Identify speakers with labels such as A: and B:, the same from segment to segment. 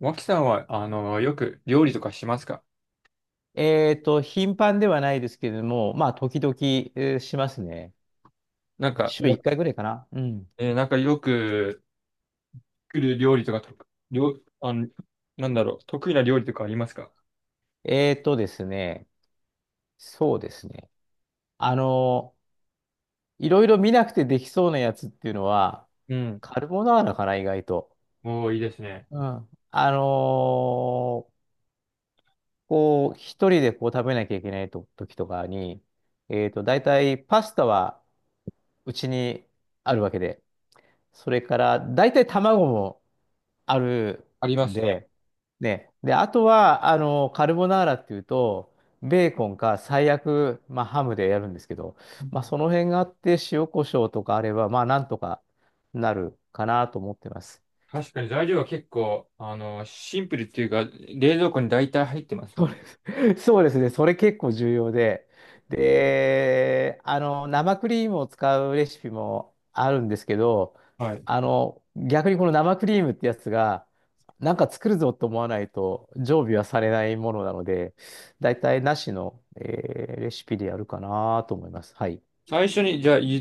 A: 脇さんは、よく料理とかしますか？
B: 頻繁ではないですけれども、まあ、時々、しますね。
A: なんか、
B: 週
A: よ
B: 1
A: く
B: 回ぐらいかな。うん。
A: なんかよく作る料理とかと、料、あの、なんだろう、得意な料理とかありますか？
B: えっとですね、そうですね。あの、いろいろ見なくてできそうなやつっていうのは、
A: うん。
B: カルボナーラかな、意外と。
A: もういいですね。
B: うん。こう、一人でこう食べなきゃいけないと時とかに、大体パスタはうちにあるわけで、それから、大体卵もある
A: ありま
B: ん
A: すね。
B: で、ね。で、あとは、カルボナーラっていうと、ベーコンか最悪、まあ、ハムでやるんですけど、
A: う
B: まあ、
A: ん。
B: その辺があって、塩コショウとかあれば、まあ、なんとかなるかなと思ってます。
A: 確かに材料は結構、シンプルっていうか、冷蔵庫に大体入ってますもん
B: そ
A: ね。
B: そうですね。それ結構重要で。で、生クリームを使うレシピもあるんですけど、
A: はい。
B: 逆にこの生クリームってやつが、なんか作るぞと思わないと常備はされないものなので、だいたいなしの、レシピでやるかなと思います。はい。
A: 最初に、じゃあ、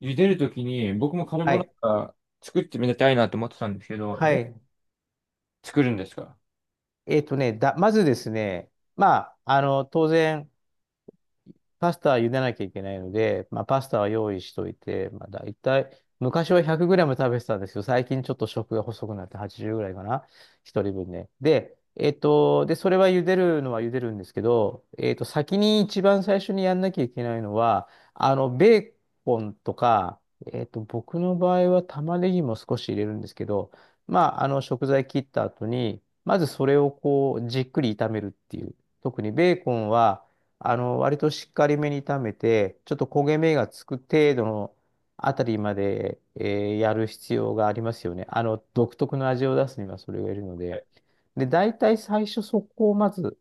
A: 茹でるときに、僕もカル
B: は
A: ボナ
B: い。
A: ーラ作ってみたいなと思ってたんですけど、
B: は
A: どう
B: い。
A: 作るんですか？
B: まずですね、まあ、当然、パスタは茹でなきゃいけないので、まあ、パスタは用意しといて、まあ、大体、昔は 100g 食べてたんですけど、最近ちょっと食が細くなって80ぐらいかな。一人分ね。で、で、それは茹でるのは茹でるんですけど、先に一番最初にやんなきゃいけないのは、ベーコンとか、僕の場合は玉ねぎも少し入れるんですけど、まあ、食材切った後に、まずそれをこう、じっくり炒めるっていう。特にベーコンは、割としっかりめに炒めて、ちょっと焦げ目がつく程度のあたりまで、やる必要がありますよね。独特の味を出すにはそれがいるの
A: は
B: で。
A: い。
B: で、大体最初そこをまず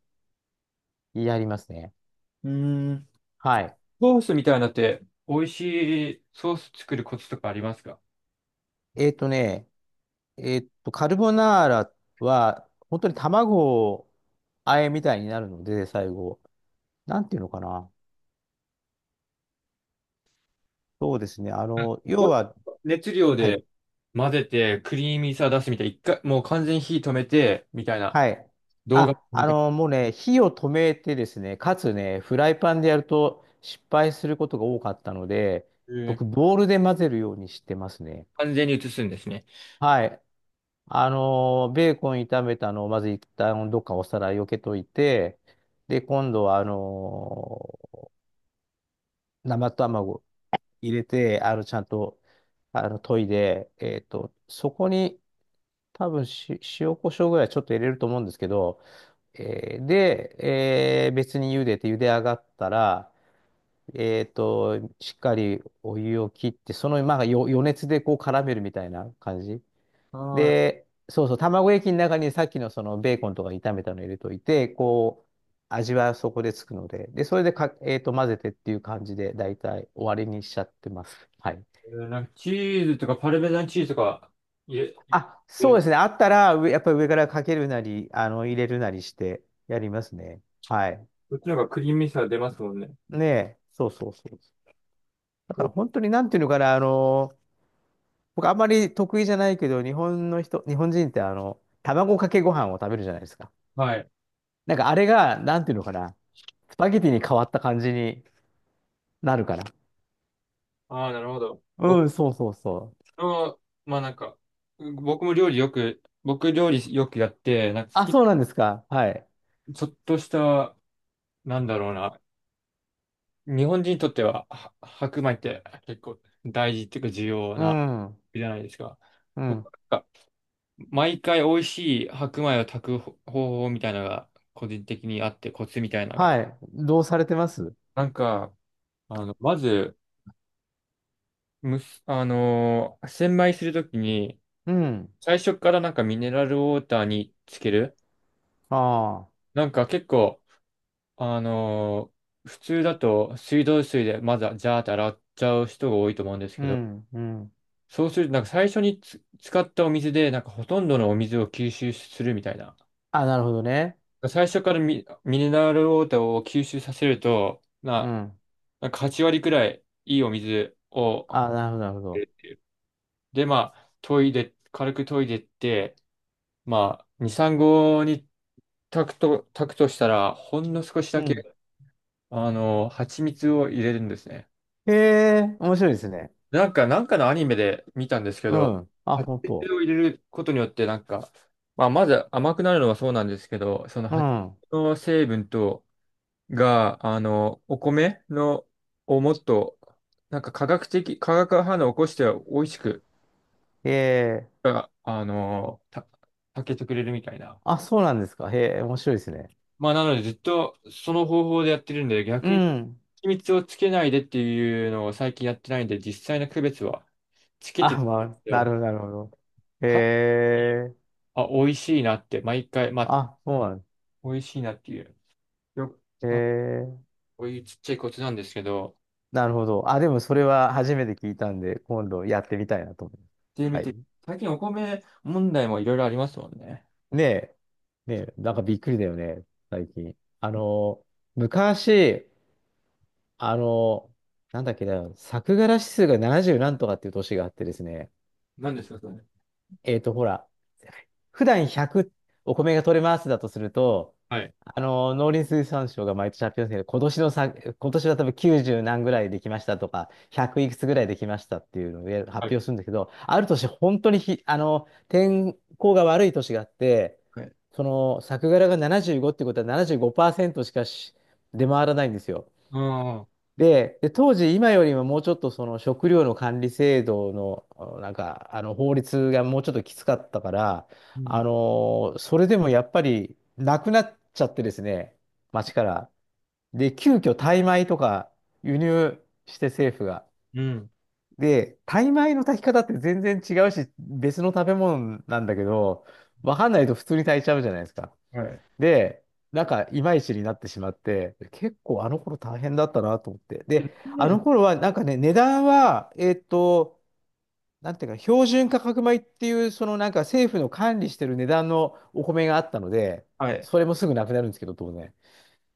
B: やりますね。
A: うーん。
B: はい。
A: ソースみたいなのって美味しいソース作るコツとかありますか？
B: えっとね、えっと、カルボナーラは、本当に卵をあえみたいになるので、最後。なんていうのかな。そうですね。要
A: も
B: は、
A: う熱量
B: はい。
A: で混ぜてクリーミーさ出すみたいな、一回、もう完全に火止めてみたいな
B: はい。
A: 動画
B: あ、
A: みたい
B: もうね、火を止めてですね、かつね、フライパンでやると失敗することが多かったので、
A: な、え
B: 僕、
A: ー
B: ボウルで混ぜるようにしてますね。
A: 完全に映すんですね。
B: はい。ベーコン炒めたのをまず一旦どっかお皿避けといて、で、今度は、生卵入れて、ちゃんと、研いで、そこに多分塩コショウぐらいちょっと入れると思うんですけど、で、別に茹でて茹で上がったら、しっかりお湯を切って、その、まあ、余熱でこう絡めるみたいな感じ。
A: あ
B: で、そうそう、卵液の中にさっきのそのベーコンとか炒めたの入れといて、こう、味はそこでつくので、で、それでか、混ぜてっていう感じで、だいたい終わりにしちゃってます。はい。
A: あ、なんかチーズとかパルメザンチーズとか入れ、
B: あ、
A: 入れ
B: そうで
A: る
B: すね。あったら、やっぱり上からかけるなり、入れるなりしてやりますね。はい。
A: こっちの方がクリーミーさ出ますもんね。
B: ねえ、そうそうそう。だか
A: お。
B: ら本当になんていうのかな、僕あんまり得意じゃないけど、日本人って卵かけご飯を食べるじゃないですか。
A: はい。
B: なんかあれが、なんていうのかな、スパゲティに変わった感じになるから。
A: ああ、なるほど。僕
B: うん、そうそうそう。
A: の、まあなんか、僕料理よくやって、なんか好
B: あ、
A: き、
B: そうなんですか。はい。
A: ちょっとした、なんだろうな。日本人にとっては白米って結構大事っていうか重要
B: う
A: な
B: ん、
A: じゃないですか。
B: う
A: 僕な
B: ん。
A: んか毎回美味しい白米を炊く方法みたいなのが個人的にあってコツみたいなのが。
B: はい。どうされてます？
A: なんか、まず、むす、あのー洗米するときに
B: うん。
A: 最初からなんかミネラルウォーターにつける。
B: ああ。
A: なんか結構、普通だと水道水でまずはジャーって洗っちゃう人が多いと思うんです
B: う
A: けど、
B: ん、うん。
A: そうすると、なんか最初に使ったお水で、なんかほとんどのお水を吸収するみたいな。
B: あ、なるほどね。
A: 最初からミネラルウォーターを吸収させると、
B: うん。
A: なんか8割くらいいいお水を、
B: あ、なるほど、なるほど。
A: で、まあ、研いで、軽く研いでって、まあ、2、3合に炊くとしたら、ほんの少し
B: う
A: だ
B: ん。
A: け、蜂蜜を入れるんですね。
B: へえ、面白いですね。
A: なんか、なんかのアニメで見たんですけ
B: う
A: ど、
B: ん。あ、
A: 発
B: 本
A: 酵
B: 当。
A: を入れることによって、なんか、まあ、まず甘くなるのはそうなんですけど、その
B: う
A: 発
B: ん。
A: 酵の成分が、お米の、をもっと、なんか科学的、化学反応を起こして美味しく、
B: へえ。
A: あ、あの、た、炊けてくれるみたいな。
B: あ、そうなんですか。へえ、面白いですね。
A: まあ、なのでずっとその方法でやってるんで、
B: う
A: 逆に
B: ん。
A: 秘密をつけないでっていうのを最近やってないんで、実際の区別はつけて
B: あ、
A: るん
B: ま
A: で
B: あ、
A: す
B: なる
A: よ。
B: ほど、なるほど。へえ、
A: あ、美味しいなって、毎回、まあ、
B: あ、そうなんで
A: 美味しいなっていう、よく、
B: す。へ
A: あ
B: え、
A: こういうちっちゃいコツなんですけど、
B: なるほど。あ、でもそれは初めて聞いたんで、今度やってみたいなと思います。
A: で、見
B: はい。
A: て、最近お米問題もいろいろありますもんね。
B: ねえ、ねえ、なんかびっくりだよね、最近。昔、あの、なんだっけな、作柄指数が70何とかっていう年があってですね、
A: 何ですか、それ？
B: ほら、普段100お米が取れますだとすると、
A: はい。
B: 農林水産省が毎年発表するけど、今年は多分90何ぐらいできましたとか、100いくつぐらいできましたっていうのを
A: は
B: 発
A: い。
B: 表するんだけど、ある年、本当に天候が悪い年があって、
A: はい。
B: その、作柄が75ってことは75%しかし出回らないんですよ。
A: ああ、
B: で、当時、今よりももうちょっとその食料の管理制度の、あの法律がもうちょっときつかったから、
A: うん。
B: それでもやっぱりなくなっちゃってですね、町から。で、急遽タイ米とか輸入して政府が。
A: うん。
B: で、タイ米の炊き方って全然違うし、別の食べ物なんだけど、わかんないと普通に炊いちゃうじゃないですか。
A: はい。
B: で、なんか、いまいちになってしまって、結構あの頃大変だったなと思って。
A: で
B: で、
A: なん
B: あの
A: で。
B: 頃は、なんかね、値段は、なんていうか、標準価格米っていう、そのなんか政府の管理してる値段のお米があったので、
A: はい。
B: それもすぐなくなるんですけど、当然。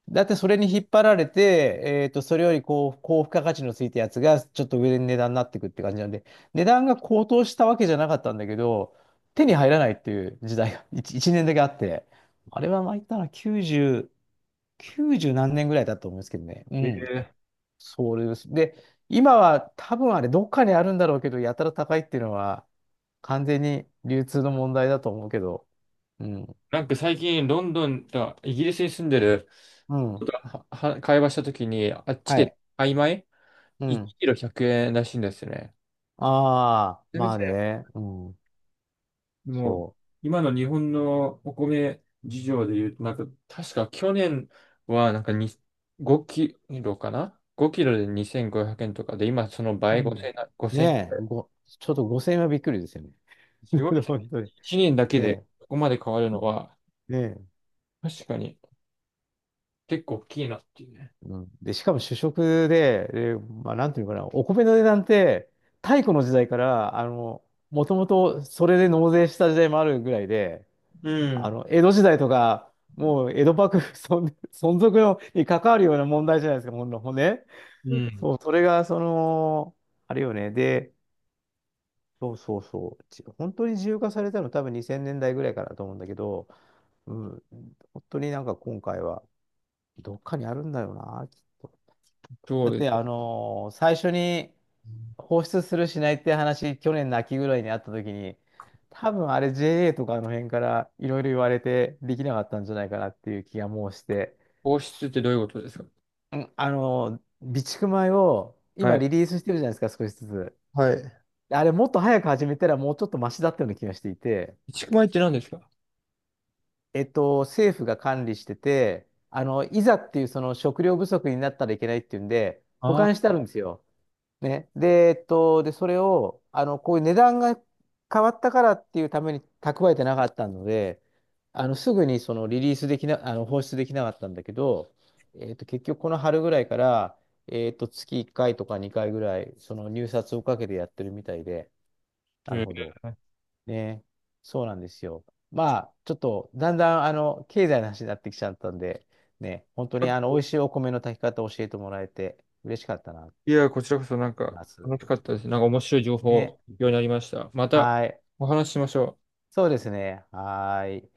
B: だってそれに引っ張られて、それよりこう、高付加価値のついたやつが、ちょっと上で値段になってくって感じなんで、値段が高騰したわけじゃなかったんだけど、手に入らないっていう時代が 1、一年だけあって、あれはまあ言ったら90、9十何年ぐらいだと思うんですけどね。う
A: え
B: ん。
A: ー
B: そうです。で、今は多分あれ、どっかにあるんだろうけど、やたら高いっていうのは、完全に流通の問題だと思うけど。うん。
A: なんか最近、ロンドンとイギリスに住んでる、
B: うん。
A: は、会話したときに、あっち
B: は
A: で、
B: い。
A: 曖昧
B: うん。
A: ?1 キロ100円らしいんですね。
B: ああ、
A: めちゃめ
B: ま
A: ち
B: あ
A: ゃ
B: ね。うん。
A: もう、
B: そ
A: 今の日本のお米事情で言うと、なんか、確か去年は、なんかに5キロかな ?5 キロで2500円とかで、今その
B: う。う
A: 倍5千
B: ん。
A: 円な。
B: ねえ、ちょっと5000円はびっくりですよね。
A: すごいで すね。
B: 本当に。
A: 1年だけで
B: で、
A: ここまで変わるのは、
B: ねえ、
A: 確かに結構大きいなっていうね。
B: うん。で、しかも主食で、まあ、なんていうのかな、お米の値段って、太古の時代から、もともとそれで納税した時代もあるぐらいで、
A: うん。
B: 江戸時代とか、もう江戸幕府 存続のに関わるような問題じゃないですか、ほんね。
A: うん。
B: そう、それが、その、あれよね。で、そうそうそう。本当に自由化されたの多分2000年代ぐらいからだと思うんだけど、うん、本当になんか今回はどっかにあるんだよな、きっと。
A: そう
B: だっ
A: です
B: て、
A: ね。
B: 最初に放出するしないって話、去年の秋ぐらいにあった時に、多分あれ JA とかあの辺からいろいろ言われてできなかったんじゃないかなっていう気がもうして、
A: 放出ってどういうことですか？
B: うん、備蓄米を
A: は
B: 今
A: い。
B: リリースしてるじゃないですか、少しずつ。
A: はい。
B: あれもっと早く始めたらもうちょっとマシだったような気がしていて、
A: 一区米って何ですか？
B: 政府が管理してて、いざっていうその食料不足になったらいけないっていうんで、保
A: あ
B: 管し
A: あ
B: てあるんですよ。ね。で、で、それを、こういう値段が変わったからっていうために蓄えてなかったので、すぐにそのリリースできな、あの、放出できなかったんだけど、結局この春ぐらいから、月1回とか2回ぐらい、その入札をかけてやってるみたいで、
A: ー。
B: な
A: う
B: る
A: ん。
B: ほど。ね。そうなんですよ。まあ、ちょっと、だんだん、経済の話になってきちゃったんで、ね、本当に、美味しいお米の炊き方を教えてもらえて、嬉しかったな、と
A: いや、こちらこそなん
B: 思い
A: か
B: ます。
A: 楽しかったです。なんか面白い情報、よ
B: ね。
A: うになりました。また
B: はい。
A: お話ししましょう。
B: そうですね。はい。